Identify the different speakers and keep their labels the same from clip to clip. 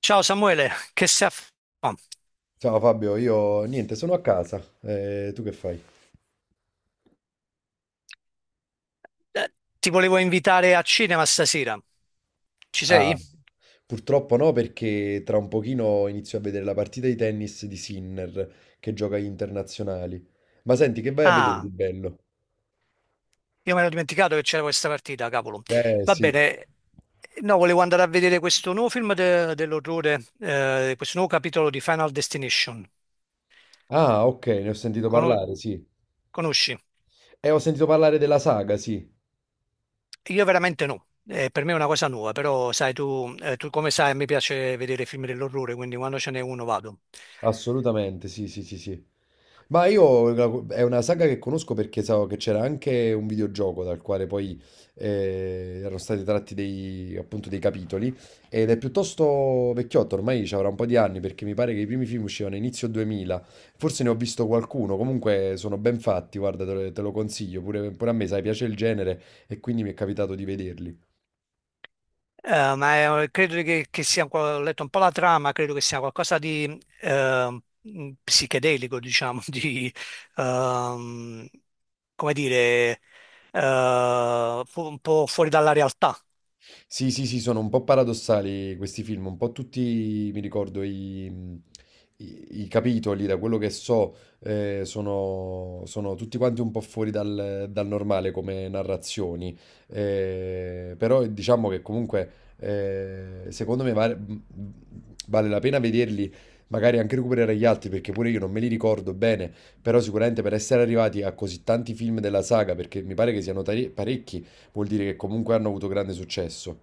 Speaker 1: Ciao Samuele, che sei a... f- oh,
Speaker 2: Ciao Fabio, io niente, sono a casa. Tu che fai?
Speaker 1: eh, ti volevo invitare a cinema stasera. Ci
Speaker 2: Ah,
Speaker 1: sei?
Speaker 2: purtroppo no, perché tra un pochino inizio a vedere la partita di tennis di Sinner che gioca agli internazionali. Ma senti, che vai a vedere di
Speaker 1: Ah,
Speaker 2: bello?
Speaker 1: io mi ero dimenticato che c'era questa partita, cavolo.
Speaker 2: Eh
Speaker 1: Va
Speaker 2: sì.
Speaker 1: bene. No, volevo andare a vedere questo nuovo film dell'orrore, questo nuovo capitolo di Final Destination.
Speaker 2: Ah, ok, ne ho sentito
Speaker 1: Cono-
Speaker 2: parlare, sì.
Speaker 1: Conosci?
Speaker 2: E ho sentito parlare della saga, sì.
Speaker 1: Io veramente no. Per me è una cosa nuova, però sai tu come sai, mi piace vedere film dell'orrore, quindi quando ce n'è uno vado.
Speaker 2: Assolutamente, sì, sì, sì, sì. Ma è una saga che conosco perché so che c'era anche un videogioco dal quale poi erano stati tratti dei, appunto dei capitoli, ed è piuttosto vecchiotto, ormai ci avrà un po' di anni perché mi pare che i primi film uscivano inizio 2000. Forse ne ho visto qualcuno, comunque sono ben fatti, guarda, te lo consiglio, pure a me, sai, piace il genere e quindi mi è capitato di vederli.
Speaker 1: Ma credo che sia, ho letto un po' la trama, credo che sia qualcosa di psichedelico, diciamo, di, ehm, come dire, un po' fuori dalla realtà.
Speaker 2: Sì, sì, sì, sono un po' paradossali questi film, un po' tutti, mi ricordo, i capitoli, da quello che so, sono tutti quanti un po' fuori dal normale come narrazioni. Però Diciamo che comunque, secondo me, vale la pena vederli, magari anche recuperare gli altri, perché pure io non me li ricordo bene, però sicuramente per essere arrivati a così tanti film della saga, perché mi pare che parecchi, vuol dire che comunque hanno avuto grande successo.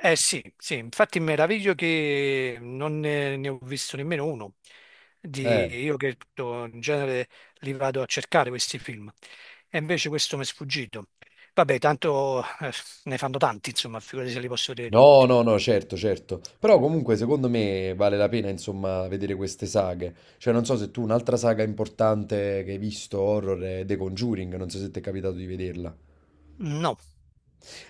Speaker 1: Eh sì, sì, infatti mi meraviglio che non ne ho visto nemmeno uno. Di,
Speaker 2: Eh,
Speaker 1: io che to- In genere li vado a cercare questi film e invece questo mi è sfuggito. Vabbè, tanto ne fanno tanti, insomma, figurati se li posso vedere
Speaker 2: no,
Speaker 1: tutti.
Speaker 2: no, no, certo, certo. Però comunque secondo me vale la pena, insomma, vedere queste saghe. Cioè, non so se tu un'altra saga importante che hai visto horror è The Conjuring, non so se ti è capitato di vederla.
Speaker 1: No,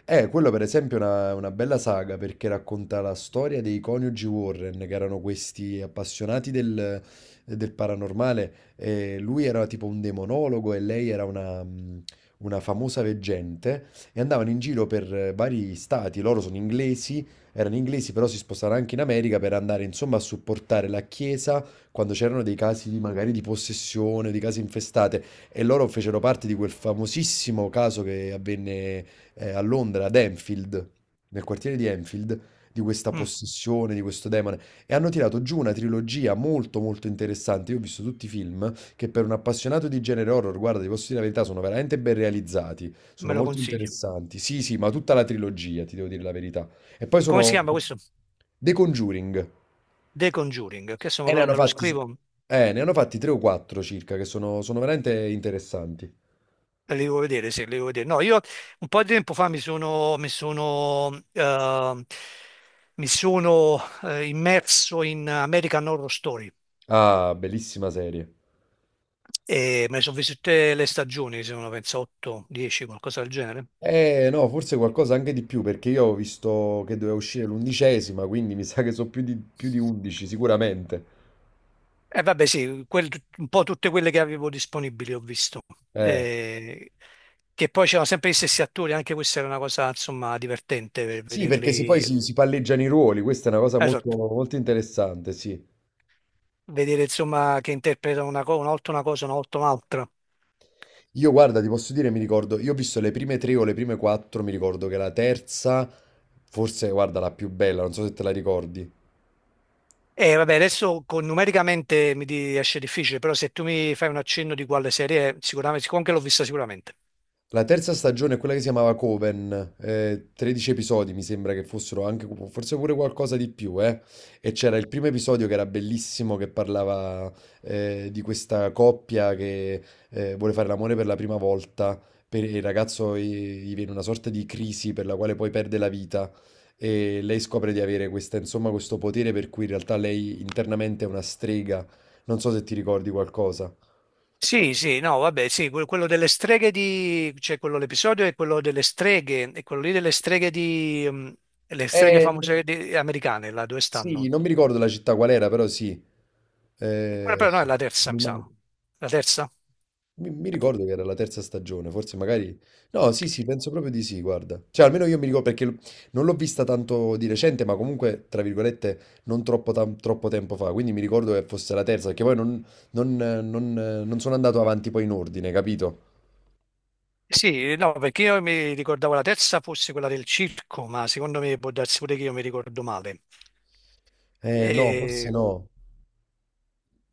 Speaker 2: Quello per esempio è una bella saga perché racconta la storia dei coniugi Warren, che erano questi appassionati del paranormale. E lui era tipo un demonologo e lei era una famosa veggente e andavano in giro per vari stati. Loro sono inglesi, erano inglesi, però si spostarono anche in America per andare insomma a supportare la chiesa quando c'erano dei magari di possessione, di case infestate. E loro fecero parte di quel famosissimo caso che avvenne a Londra, ad Enfield, nel quartiere di Enfield, di questa
Speaker 1: mm,
Speaker 2: possessione, di questo demone. E hanno tirato giù una trilogia molto molto interessante. Io ho visto tutti i film che, per un appassionato di genere horror, guarda, ti posso dire la verità, sono veramente ben realizzati, sono
Speaker 1: me lo
Speaker 2: molto
Speaker 1: consiglio.
Speaker 2: interessanti. Sì, sì, ma tutta la trilogia, ti devo dire la verità. E poi
Speaker 1: Come si
Speaker 2: sono
Speaker 1: chiama questo?
Speaker 2: The Conjuring.
Speaker 1: The Conjuring, che adesso me
Speaker 2: E
Speaker 1: lo, me lo scrivo.
Speaker 2: ne hanno fatti 3 o 4 circa, che sono veramente interessanti.
Speaker 1: Le devo vedere, se le devo vedere. No, io un po' di tempo fa mi sono immerso in American Horror Story
Speaker 2: Ah, bellissima serie.
Speaker 1: e me ne sono viste tutte le stagioni, sono penso 8, 10, qualcosa del genere.
Speaker 2: Eh no, forse qualcosa anche di più, perché io ho visto che doveva uscire l'undicesima, quindi mi sa che sono più di 11 sicuramente.
Speaker 1: E vabbè, sì, un po' tutte quelle che avevo disponibili ho visto.
Speaker 2: Eh.
Speaker 1: Eh, che poi c'erano sempre gli stessi attori, anche questa era una cosa, insomma, divertente per
Speaker 2: Sì, perché
Speaker 1: vederli.
Speaker 2: si palleggiano i ruoli, questa è una cosa molto,
Speaker 1: Esatto,
Speaker 2: molto interessante, sì.
Speaker 1: vedere insomma che interpretano una volta una cosa, una volta un'altra.
Speaker 2: Io guarda, ti posso dire, mi ricordo, io ho visto le prime tre o le prime quattro, mi ricordo che la terza, forse guarda, la più bella, non so se te la ricordi.
Speaker 1: E vabbè, adesso numericamente mi riesce difficile, però se tu mi fai un accenno di quale serie, è, sicuramente, siccome anche l'ho vista sicuramente.
Speaker 2: La terza stagione è quella che si chiamava Coven, 13 episodi mi sembra che fossero anche, forse pure qualcosa di più, eh. E c'era il primo episodio che era bellissimo, che parlava di questa coppia che vuole fare l'amore per la prima volta, e il ragazzo gli viene una sorta di crisi per la quale poi perde la vita e lei scopre di avere questa, insomma, questo potere per cui in realtà lei internamente è una strega, non so se ti ricordi qualcosa.
Speaker 1: Sì, sì, no, vabbè, sì, quello delle streghe di, cioè quello l'episodio è quello delle streghe, e quello lì delle streghe di, le streghe
Speaker 2: Eh,
Speaker 1: famose americane, là dove
Speaker 2: sì,
Speaker 1: stanno?
Speaker 2: non mi
Speaker 1: E
Speaker 2: ricordo la città qual era, però sì.
Speaker 1: quella però no, è
Speaker 2: Sì.
Speaker 1: la terza,
Speaker 2: mi,
Speaker 1: mi
Speaker 2: ma-
Speaker 1: sa. La terza?
Speaker 2: Mi ricordo che era la terza stagione, forse magari... No, sì, sì, penso proprio di sì, guarda. Cioè, almeno io mi ricordo non l'ho vista tanto di recente, ma comunque, tra virgolette, non troppo tempo fa. Quindi mi ricordo che fosse la terza, perché poi non sono andato avanti poi in ordine, capito?
Speaker 1: Sì, no, perché io mi ricordavo la terza fosse quella del circo, ma secondo me può darsi pure che io mi ricordo male.
Speaker 2: No, forse
Speaker 1: E-
Speaker 2: no.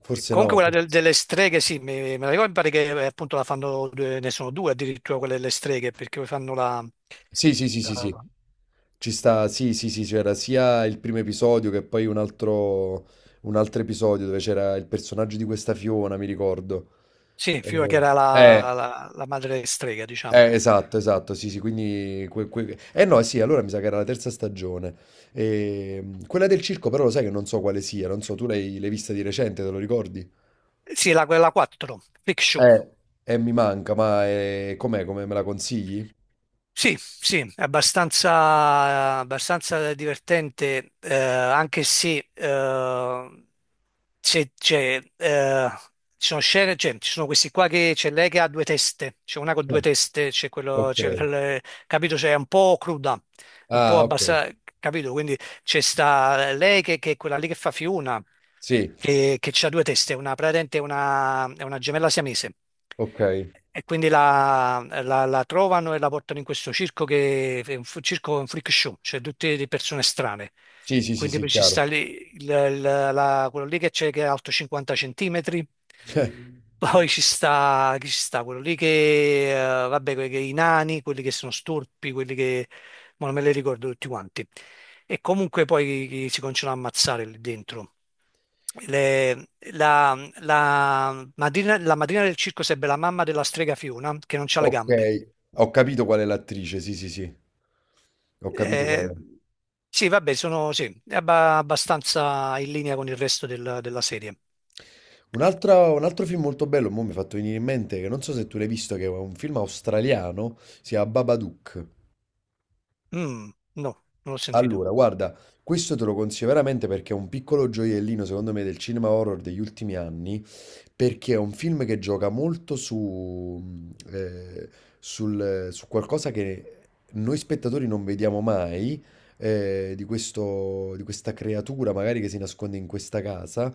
Speaker 2: Forse
Speaker 1: Comunque
Speaker 2: no.
Speaker 1: quella
Speaker 2: forse-
Speaker 1: delle streghe, sì, me la ricordo, mi pare che appunto la fanno, ne sono due addirittura quelle delle streghe, perché poi fanno
Speaker 2: Sì, sì, sì, sì, sì.
Speaker 1: la-
Speaker 2: Ci sta, sì, sì, sì, c'era sia il primo episodio che poi un altro episodio dove c'era il personaggio di questa Fiona, mi ricordo.
Speaker 1: sì, Fiora che
Speaker 2: Eh,
Speaker 1: era la,
Speaker 2: Eh,
Speaker 1: la- la madre strega, diciamo.
Speaker 2: esatto, esatto, sì, sì, quindi... Eh no, sì, allora mi sa che era la terza stagione. Quella del circo però lo sai che non so quale sia, non so, tu l'hai vista di recente, te lo ricordi?
Speaker 1: Sì, quella 4, Freak Show.
Speaker 2: eh, mi manca, ma com'è? Come me la consigli?
Speaker 1: Sì, sì, è abbastanza, abbastanza divertente, anche se, c'è- c'è, eh, ci sono scene, cioè, ci sono questi qua che c'è lei che ha due teste, c'è una con due
Speaker 2: Eh,
Speaker 1: teste, c'è quello,
Speaker 2: Ok.
Speaker 1: capito, cioè, è un po' cruda, è un po'
Speaker 2: Ah, ok.
Speaker 1: abbassata, capito? Quindi c'è sta lei che è quella lì che fa Fiona,
Speaker 2: Sì,
Speaker 1: che ha due teste, praticamente è una gemella siamese.
Speaker 2: ok.
Speaker 1: E quindi la trovano e la portano in questo circo che è circo, un freak show, cioè tutte le persone strane.
Speaker 2: Sì, sì, sì,
Speaker 1: Quindi
Speaker 2: sì,
Speaker 1: poi ci sta
Speaker 2: chiaro.
Speaker 1: lì quello lì che c'è che è alto 50 centimetri, poi ci sta, chi ci sta? Quello lì che, vabbè, che i nani, quelli che sono storpi, quelli che, ma non me li ricordo tutti quanti. E comunque poi chi si continuano a ammazzare lì dentro le- la, la madrina del circo sarebbe la mamma della strega Fiona, che non ha le gambe.
Speaker 2: Okay, ho capito qual è l'attrice, sì, sì, sì. Ho capito qual
Speaker 1: Eh,
Speaker 2: è.
Speaker 1: sì, vabbè, sono sì, è abbastanza in linea con il resto della serie.
Speaker 2: Un altro film molto bello, mo' mi hai fatto venire in mente, che non so se tu l'hai visto, che è un film australiano, si chiama Babadook.
Speaker 1: Mm, no, non l'ho sentito.
Speaker 2: Allora, guarda, questo te lo consiglio veramente perché è un piccolo gioiellino, secondo me, del cinema horror degli ultimi anni, perché è un film che gioca molto su qualcosa che noi spettatori non vediamo mai, di questa creatura magari che si nasconde in questa casa.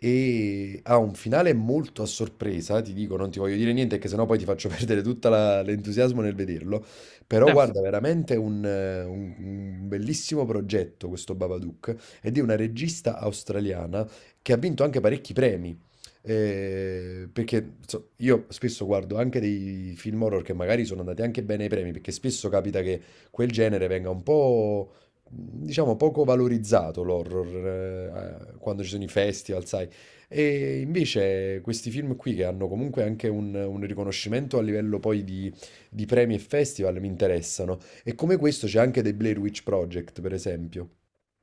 Speaker 2: E ha un finale molto a sorpresa, ti dico, non ti voglio dire niente, che sennò poi ti faccio perdere tutto l'entusiasmo nel vederlo. Però
Speaker 1: Sì,
Speaker 2: guarda, veramente un bellissimo progetto questo Babadook, ed è una regista australiana che ha vinto anche parecchi premi. Perché so, io spesso guardo anche dei film horror che magari sono andati anche bene ai premi, perché spesso capita che quel genere venga un po', diciamo, poco valorizzato l'horror, quando ci sono i festival, sai. E invece questi film qui che hanno comunque anche un riconoscimento a livello poi di premi e festival mi interessano. E come questo c'è anche The Blair Witch Project, per esempio.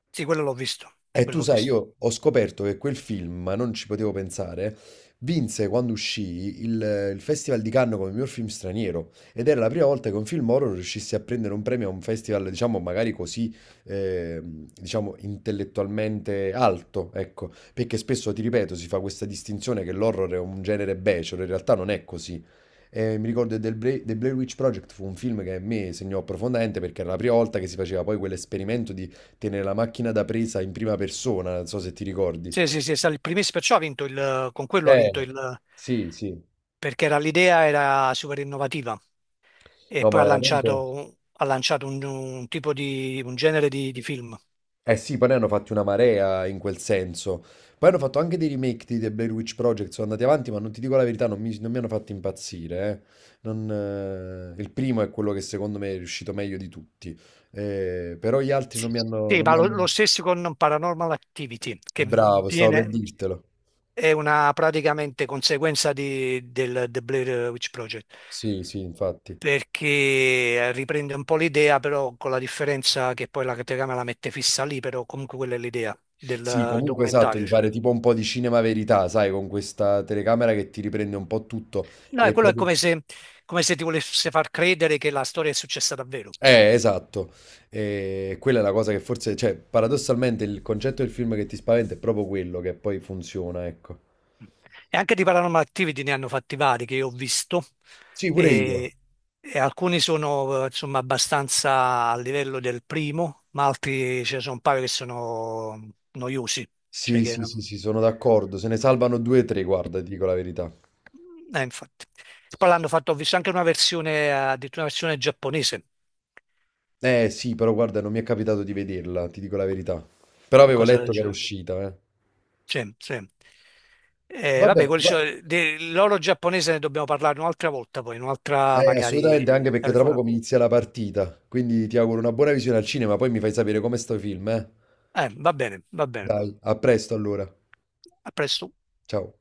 Speaker 1: sì, quello l'ho visto.
Speaker 2: E tu
Speaker 1: Quello l'ho
Speaker 2: sai,
Speaker 1: visto.
Speaker 2: io ho scoperto che quel film, ma non ci potevo pensare, vinse quando il Festival di Cannes come miglior film straniero, ed era la prima volta che un film horror riuscisse a prendere un premio a un festival, diciamo, magari così, diciamo, intellettualmente alto, ecco, perché spesso, ti ripeto, si fa questa distinzione che l'horror è un genere becero, in realtà non è così. E mi ricordo The Blair Witch Project fu un film che a me segnò profondamente perché era la prima volta che si faceva poi quell'esperimento di tenere la macchina da presa in prima persona, non so se ti ricordi.
Speaker 1: Sì, sì, sì, è stato il primissimo, perciò ha vinto il, con quello ha vinto
Speaker 2: Eh,
Speaker 1: il,
Speaker 2: sì, sì.
Speaker 1: perché l'idea era super innovativa e
Speaker 2: No,
Speaker 1: poi
Speaker 2: ma
Speaker 1: ha
Speaker 2: veramente...
Speaker 1: lanciato, ha lanciato un tipo di, un genere di film.
Speaker 2: Eh sì, poi ne hanno fatti una marea in quel senso. Poi hanno fatto anche dei remake di The Blair Witch Project, sono andati avanti, ma non ti dico la verità, non mi hanno fatto impazzire. Non, Il primo è quello che secondo me è riuscito meglio di tutti, però gli altri
Speaker 1: Sì,
Speaker 2: non
Speaker 1: ma
Speaker 2: mi
Speaker 1: lo,
Speaker 2: hanno...
Speaker 1: lo stesso con Paranormal Activity, che
Speaker 2: Bravo, stavo per
Speaker 1: viene,
Speaker 2: dirtelo.
Speaker 1: è una praticamente conseguenza del The Blair Witch Project,
Speaker 2: Sì, sì, infatti.
Speaker 1: perché riprende un po' l'idea, però con la differenza che poi la telecamera la mette fissa lì, però comunque quella è l'idea
Speaker 2: Sì,
Speaker 1: del
Speaker 2: comunque esatto,
Speaker 1: documentario,
Speaker 2: di
Speaker 1: diciamo.
Speaker 2: fare tipo un po' di cinema verità, sai, con questa telecamera che ti riprende un po' tutto.
Speaker 1: No, è
Speaker 2: E
Speaker 1: quello è
Speaker 2: proprio...
Speaker 1: come se ti volesse far credere che la storia è successa davvero.
Speaker 2: Esatto. E quella è la cosa che forse, cioè, paradossalmente il concetto del film che ti spaventa è proprio quello che poi funziona, ecco.
Speaker 1: E anche di Paranormal Activity ne hanno fatti vari che io ho visto
Speaker 2: Sì, pure io.
Speaker 1: e, e alcuni sono insomma abbastanza a livello del primo, ma altri ce ne sono un paio che sono noiosi, cioè
Speaker 2: Sì,
Speaker 1: che
Speaker 2: sì, sì, sì, sono d'accordo. Se ne salvano 2 o 3, guarda, ti dico la verità.
Speaker 1: infatti. Poi l'hanno fatto, ho visto anche una versione, addirittura una versione giapponese,
Speaker 2: Sì, però guarda, non mi è capitato di vederla, ti dico la verità. Però avevo
Speaker 1: qualcosa del
Speaker 2: letto che era
Speaker 1: genere.
Speaker 2: uscita, eh.
Speaker 1: Sì, sì. Vabbè,
Speaker 2: Vabbè,
Speaker 1: quelli,
Speaker 2: va-
Speaker 1: cioè, dell'oro giapponese ne dobbiamo parlare un'altra volta, poi un'altra
Speaker 2: eh, assolutamente, anche
Speaker 1: magari
Speaker 2: perché tra
Speaker 1: telefonata.
Speaker 2: poco mi inizia la partita, quindi ti auguro una buona visione al cinema, poi mi fai sapere come sto i film, eh.
Speaker 1: Va bene, va bene.
Speaker 2: Dai, a presto allora.
Speaker 1: A presto.
Speaker 2: Ciao.